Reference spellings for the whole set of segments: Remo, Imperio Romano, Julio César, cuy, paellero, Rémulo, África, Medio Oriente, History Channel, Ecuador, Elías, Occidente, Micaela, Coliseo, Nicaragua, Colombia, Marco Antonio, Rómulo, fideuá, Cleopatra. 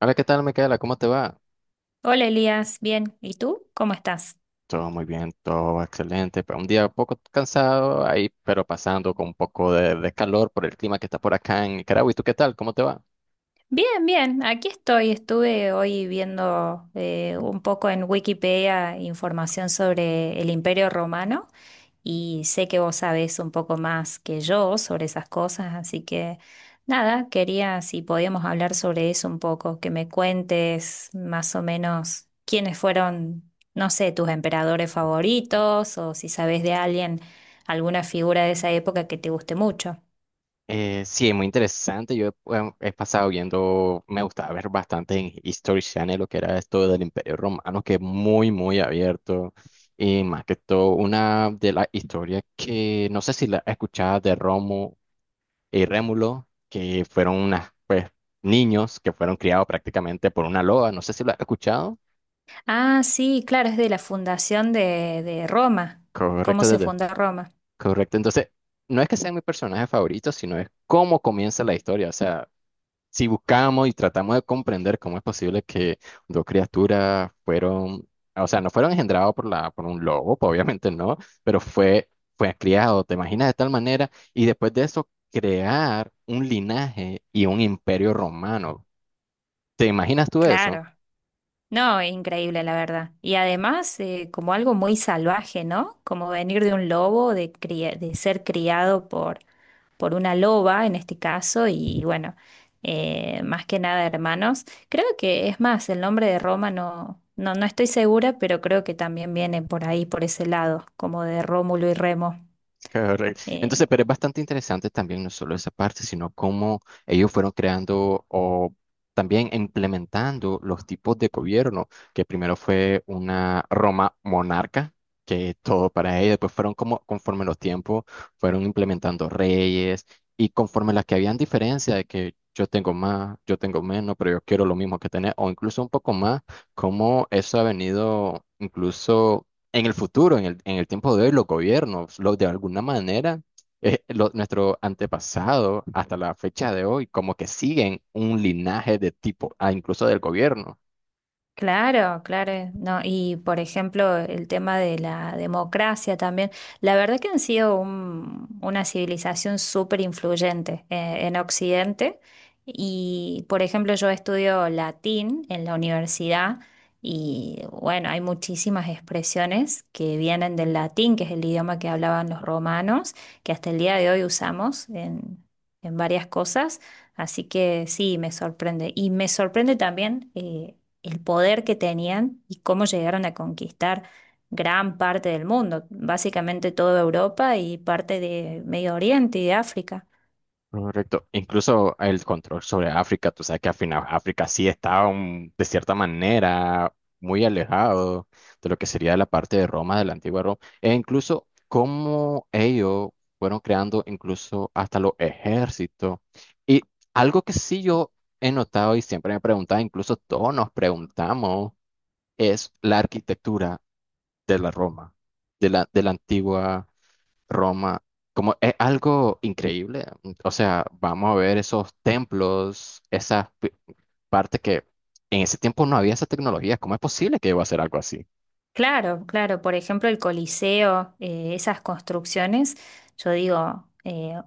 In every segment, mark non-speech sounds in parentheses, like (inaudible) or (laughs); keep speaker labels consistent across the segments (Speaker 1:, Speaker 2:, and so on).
Speaker 1: Hola, ¿qué tal, Micaela? ¿Cómo te va?
Speaker 2: Hola Elías, bien. ¿Y tú? ¿Cómo estás?
Speaker 1: Todo muy bien, todo excelente. Pero Un día un poco cansado ahí, pero pasando con un poco de calor por el clima que está por acá en Nicaragua. ¿Y tú qué tal? ¿Cómo te va?
Speaker 2: Bien, bien. Aquí estoy. Estuve hoy viendo un poco en Wikipedia información sobre el Imperio Romano, y sé que vos sabés un poco más que yo sobre esas cosas, así que nada, quería si podíamos hablar sobre eso un poco, que me cuentes más o menos quiénes fueron, no sé, tus emperadores favoritos o si sabés de alguien, alguna figura de esa época que te guste mucho.
Speaker 1: Sí, muy interesante. Yo he pasado viendo, me gustaba ver bastante en History Channel lo que era esto del Imperio Romano, que es muy, muy abierto. Y más que todo, una de las historias que no sé si la escuchabas de Romo y Rémulo, que fueron unas, pues, niños que fueron criados prácticamente por una loba. No sé si lo has escuchado.
Speaker 2: Ah, sí, claro, es de la fundación de Roma, cómo
Speaker 1: Correcto,
Speaker 2: se
Speaker 1: Tete.
Speaker 2: fundó Roma.
Speaker 1: Correcto. Entonces, no es que sean mis personajes favoritos, sino es cómo comienza la historia. O sea, si buscamos y tratamos de comprender cómo es posible que dos criaturas fueron, o sea, no fueron engendrados por por un lobo, pues, obviamente no, pero fue, fue criado, te imaginas de tal manera, y después de eso crear un linaje y un imperio romano. ¿Te imaginas tú eso?
Speaker 2: Claro. No, increíble, la verdad. Y además, como algo muy salvaje, ¿no? Como venir de un lobo, de, de ser criado por una loba en este caso, y bueno, más que nada hermanos. Creo que es más, el nombre de Roma no estoy segura, pero creo que también viene por ahí, por ese lado, como de Rómulo y Remo.
Speaker 1: (laughs) Correcto.
Speaker 2: eh,
Speaker 1: Entonces, pero es bastante interesante también no solo esa parte, sino cómo ellos fueron creando o también implementando los tipos de gobierno, que primero fue una Roma monarca, que todo para ella, después fueron como conforme los tiempos, fueron implementando reyes y conforme las que habían diferencia de que yo tengo más, yo tengo menos, pero yo quiero lo mismo que tener, o incluso un poco más, cómo eso ha venido incluso en el futuro, en el tiempo de hoy, los gobiernos, los de alguna manera, nuestro antepasado hasta la fecha de hoy, como que siguen un linaje de tipo, ah, incluso del gobierno.
Speaker 2: Claro, claro, no, y por ejemplo el tema de la democracia también, la verdad que han sido una civilización súper influyente en Occidente, y por ejemplo yo estudio latín en la universidad, y bueno, hay muchísimas expresiones que vienen del latín, que es el idioma que hablaban los romanos, que hasta el día de hoy usamos en varias cosas, así que sí, me sorprende y me sorprende también. El poder que tenían y cómo llegaron a conquistar gran parte del mundo, básicamente toda Europa y parte de Medio Oriente y de África.
Speaker 1: Correcto. Incluso el control sobre África, tú sabes que al final África sí estaba un- de cierta manera muy alejado de lo que sería la parte de Roma, de la antigua Roma, e incluso cómo ellos fueron creando incluso hasta los ejércitos. Y algo que sí yo he notado y siempre me preguntaba, incluso todos nos preguntamos, es la arquitectura de la Roma, de de la antigua. Roma, como es algo increíble. O sea, vamos a ver esos templos, esas partes que en ese tiempo no había esa tecnología. ¿Cómo es posible que iba a hacer algo así?
Speaker 2: Claro, claro. Por ejemplo, el Coliseo, esas construcciones, yo digo,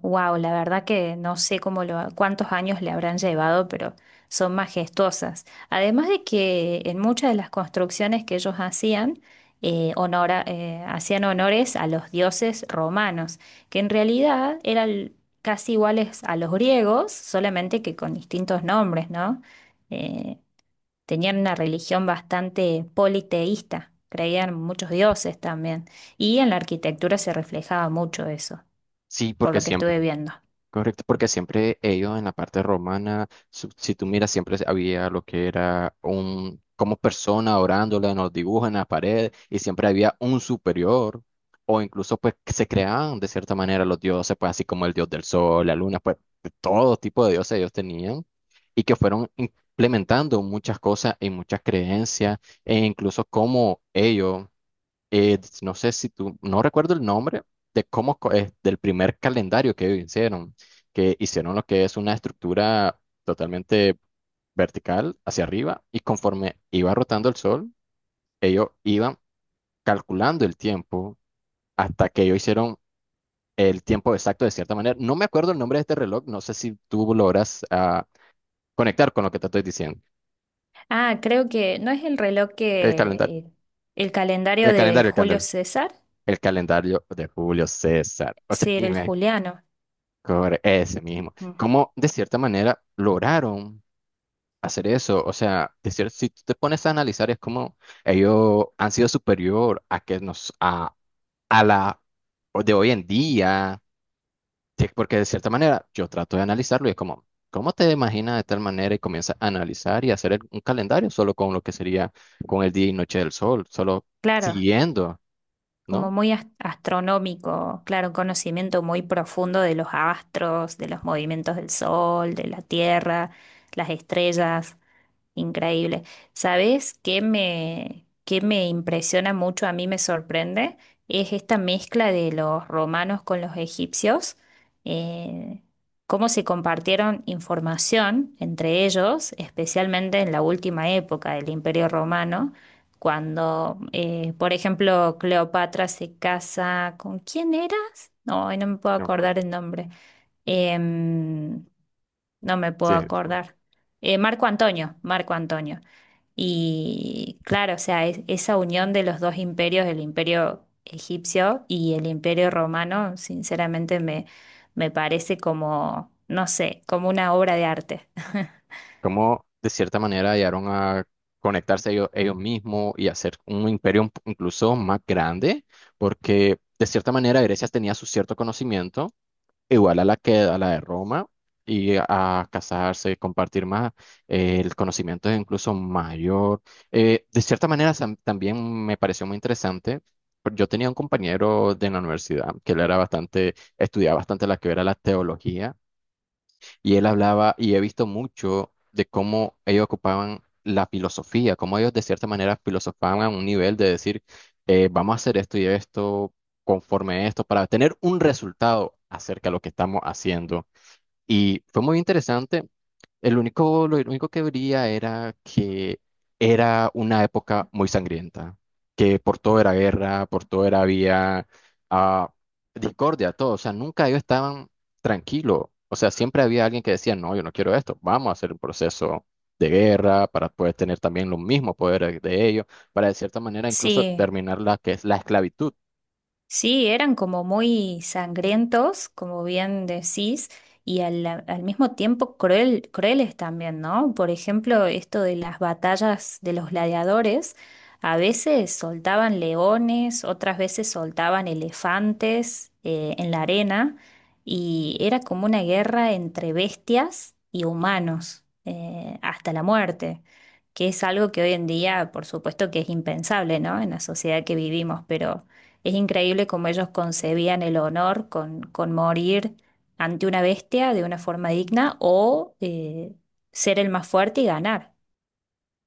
Speaker 2: wow, la verdad que no sé cuántos años le habrán llevado, pero son majestuosas. Además de que en muchas de las construcciones que ellos hacían, hacían honores a los dioses romanos, que en realidad eran casi iguales a los griegos, solamente que con distintos nombres, ¿no? Eh, Tenían una religión bastante politeísta, creían en muchos dioses también, y en la arquitectura se reflejaba mucho eso,
Speaker 1: Sí,
Speaker 2: por
Speaker 1: porque
Speaker 2: lo que estuve
Speaker 1: siempre.
Speaker 2: viendo.
Speaker 1: Correcto, porque siempre ellos en la parte romana, su- si tú miras, siempre había lo que era un, como persona orándola, nos dibujan en la pared, y siempre había un superior, o incluso pues que se creaban de cierta manera los dioses, pues así como el dios del sol, la luna, pues de todo tipo de dioses ellos tenían, y que fueron implementando muchas cosas y muchas creencias, e incluso como ellos no sé si tú, no recuerdo el nombre de cómo del primer calendario que hicieron lo que es una estructura totalmente vertical hacia arriba y conforme iba rotando el sol, ellos iban calculando el tiempo hasta que ellos hicieron el tiempo exacto de cierta manera. No me acuerdo el nombre de este reloj, no sé si tú logras ah, conectar con lo que te estoy diciendo.
Speaker 2: Ah, creo que no es el reloj
Speaker 1: El calendario,
Speaker 2: que el calendario
Speaker 1: el
Speaker 2: de
Speaker 1: calendario, el
Speaker 2: Julio
Speaker 1: calendario.
Speaker 2: César,
Speaker 1: El calendario de Julio César. O sea,
Speaker 2: sí, era el juliano.
Speaker 1: Corre- Ese mismo.
Speaker 2: Ujú.
Speaker 1: ¿Cómo de cierta manera lograron hacer eso? O sea, de cier- si tú te pones a analizar, es como ellos han sido superior a que nos a la o de hoy en día, Sí, porque de cierta manera yo trato de analizarlo y es como, ¿cómo te imaginas de tal manera y comienza a analizar y hacer el- un calendario solo con lo que sería con el día y noche del sol, solo
Speaker 2: Claro,
Speaker 1: siguiendo, ¿no?
Speaker 2: como muy astronómico, claro, un conocimiento muy profundo de los astros, de los movimientos del sol, de la tierra, las estrellas. Increíble. ¿Sabes qué me impresiona mucho, a mí me sorprende? Es esta mezcla de los romanos con los egipcios, eh, cómo se compartieron información entre ellos, especialmente en la última época del Imperio Romano, cuando, por ejemplo, Cleopatra se casa con... ¿Quién eras? No, hoy no me puedo
Speaker 1: No,
Speaker 2: acordar el nombre. Em, no me puedo
Speaker 1: Sí.
Speaker 2: acordar. Marco Antonio, Marco Antonio. Y claro, o sea, esa unión de los dos imperios, el imperio egipcio y el imperio romano, sinceramente me parece como, no sé, como una obra de arte. (laughs)
Speaker 1: cómo de cierta manera llegaron a conectarse ellos, ellos mismos y hacer un imperio un- incluso más grande, porque de cierta manera Grecia tenía su cierto conocimiento, igual a la que a la de Roma, y a casarse, compartir más, el conocimiento es incluso mayor. De cierta manera sam- también me pareció muy interesante. Yo tenía un compañero de la universidad que él era bastante, estudiaba bastante la que era la teología. Y él hablaba, y he visto mucho de cómo ellos ocupaban la filosofía, cómo ellos de cierta manera filosofaban a un nivel de decir, vamos a hacer esto y esto, conforme a esto, para tener un resultado acerca de lo que estamos haciendo. Y fue muy interesante el único, lo único que vería era que era una época muy sangrienta, que por todo era guerra, por todo era había ah, discordia, todo. O sea, nunca ellos estaban tranquilos. O sea, siempre había alguien que decía, no, yo no quiero esto, vamos a hacer un proceso de guerra para poder tener también los mismos poderes de ellos, para de cierta manera incluso
Speaker 2: Sí,
Speaker 1: terminar la que es la esclavitud.
Speaker 2: sí, eran como muy sangrientos, como bien decís, y al mismo tiempo crueles también, ¿no? Por ejemplo, esto de las batallas de los gladiadores, a veces soltaban leones, otras veces soltaban elefantes en la arena, y era como una guerra entre bestias y humanos, hasta la muerte, que es algo que hoy en día, por supuesto que es impensable, ¿no? En la sociedad que vivimos, pero... Es increíble cómo ellos concebían el honor con morir ante una bestia de una forma digna o ser el más fuerte y ganar.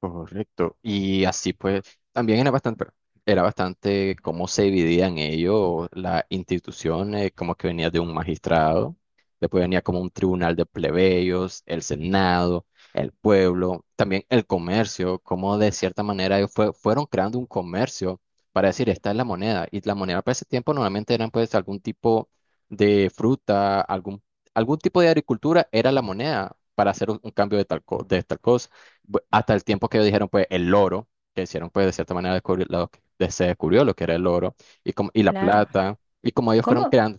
Speaker 1: Correcto. Y así pues, también era bastante cómo se dividían ellos las instituciones, como que venía de un magistrado, después venía como un tribunal de plebeyos, el senado, el pueblo, también el comercio, como de cierta manera ellos fue- fueron creando un comercio para decir, esta es la moneda. Y la moneda para ese tiempo normalmente eran pues algún tipo de fruta, algún, algún tipo de agricultura era la moneda para hacer un cambio de tal, co- de tal cosa bu- hasta el tiempo que ellos dijeron, pues, el oro, que hicieron, pues, de cierta manera descubrir, lo que- de- se descubrió lo que era el oro y, como, y la
Speaker 2: Claro.
Speaker 1: plata, y como ellos fueron
Speaker 2: ¿Cómo?
Speaker 1: creando,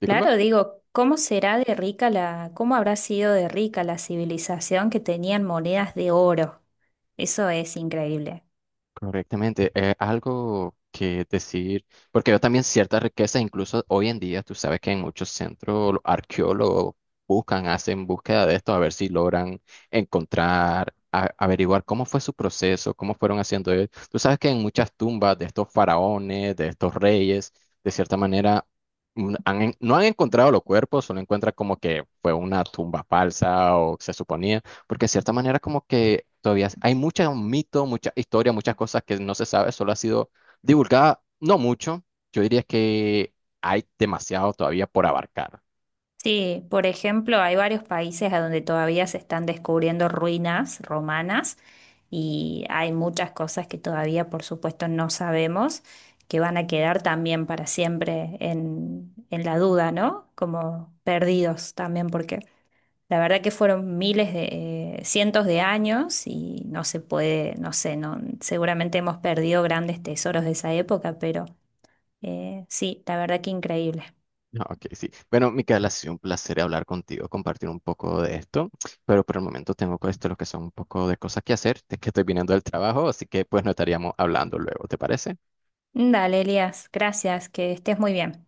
Speaker 1: disculpa.
Speaker 2: Claro, digo, ¿cómo habrá sido de rica la civilización que tenían monedas de oro? Eso es increíble.
Speaker 1: Correctamente, es algo que decir, porque yo también ciertas riquezas, incluso hoy en día, tú sabes que en muchos centros los arqueólogos buscan, hacen búsqueda de esto, a ver si logran encontrar, a- averiguar cómo fue su proceso, cómo fueron haciendo él. Tú sabes que en muchas tumbas de estos faraones, de estos reyes, de cierta manera, han en- no han encontrado los cuerpos, solo encuentran como que fue una tumba falsa o se suponía porque de cierta manera como que todavía hay muchos mitos, mucha historia, muchas cosas que no se sabe, solo ha sido divulgada, no mucho. Yo diría que hay demasiado todavía por abarcar.
Speaker 2: Sí, por ejemplo, hay varios países a donde todavía se están descubriendo ruinas romanas, y hay muchas cosas que todavía, por supuesto, no sabemos, que van a quedar también para siempre en la duda, ¿no? Como perdidos también, porque la verdad que fueron cientos de años y no se puede, no sé, no, seguramente hemos perdido grandes tesoros de esa época, pero sí, la verdad que increíble.
Speaker 1: Ah, Ok, sí. Bueno, Micaela, ha sido un placer hablar contigo, compartir un poco de esto, pero por el momento tengo co- esto, lo que son un poco de cosas que hacer, de que estoy viniendo del trabajo, así que pues no estaríamos hablando luego, ¿te parece?
Speaker 2: Dale, Elías, gracias, que estés muy bien.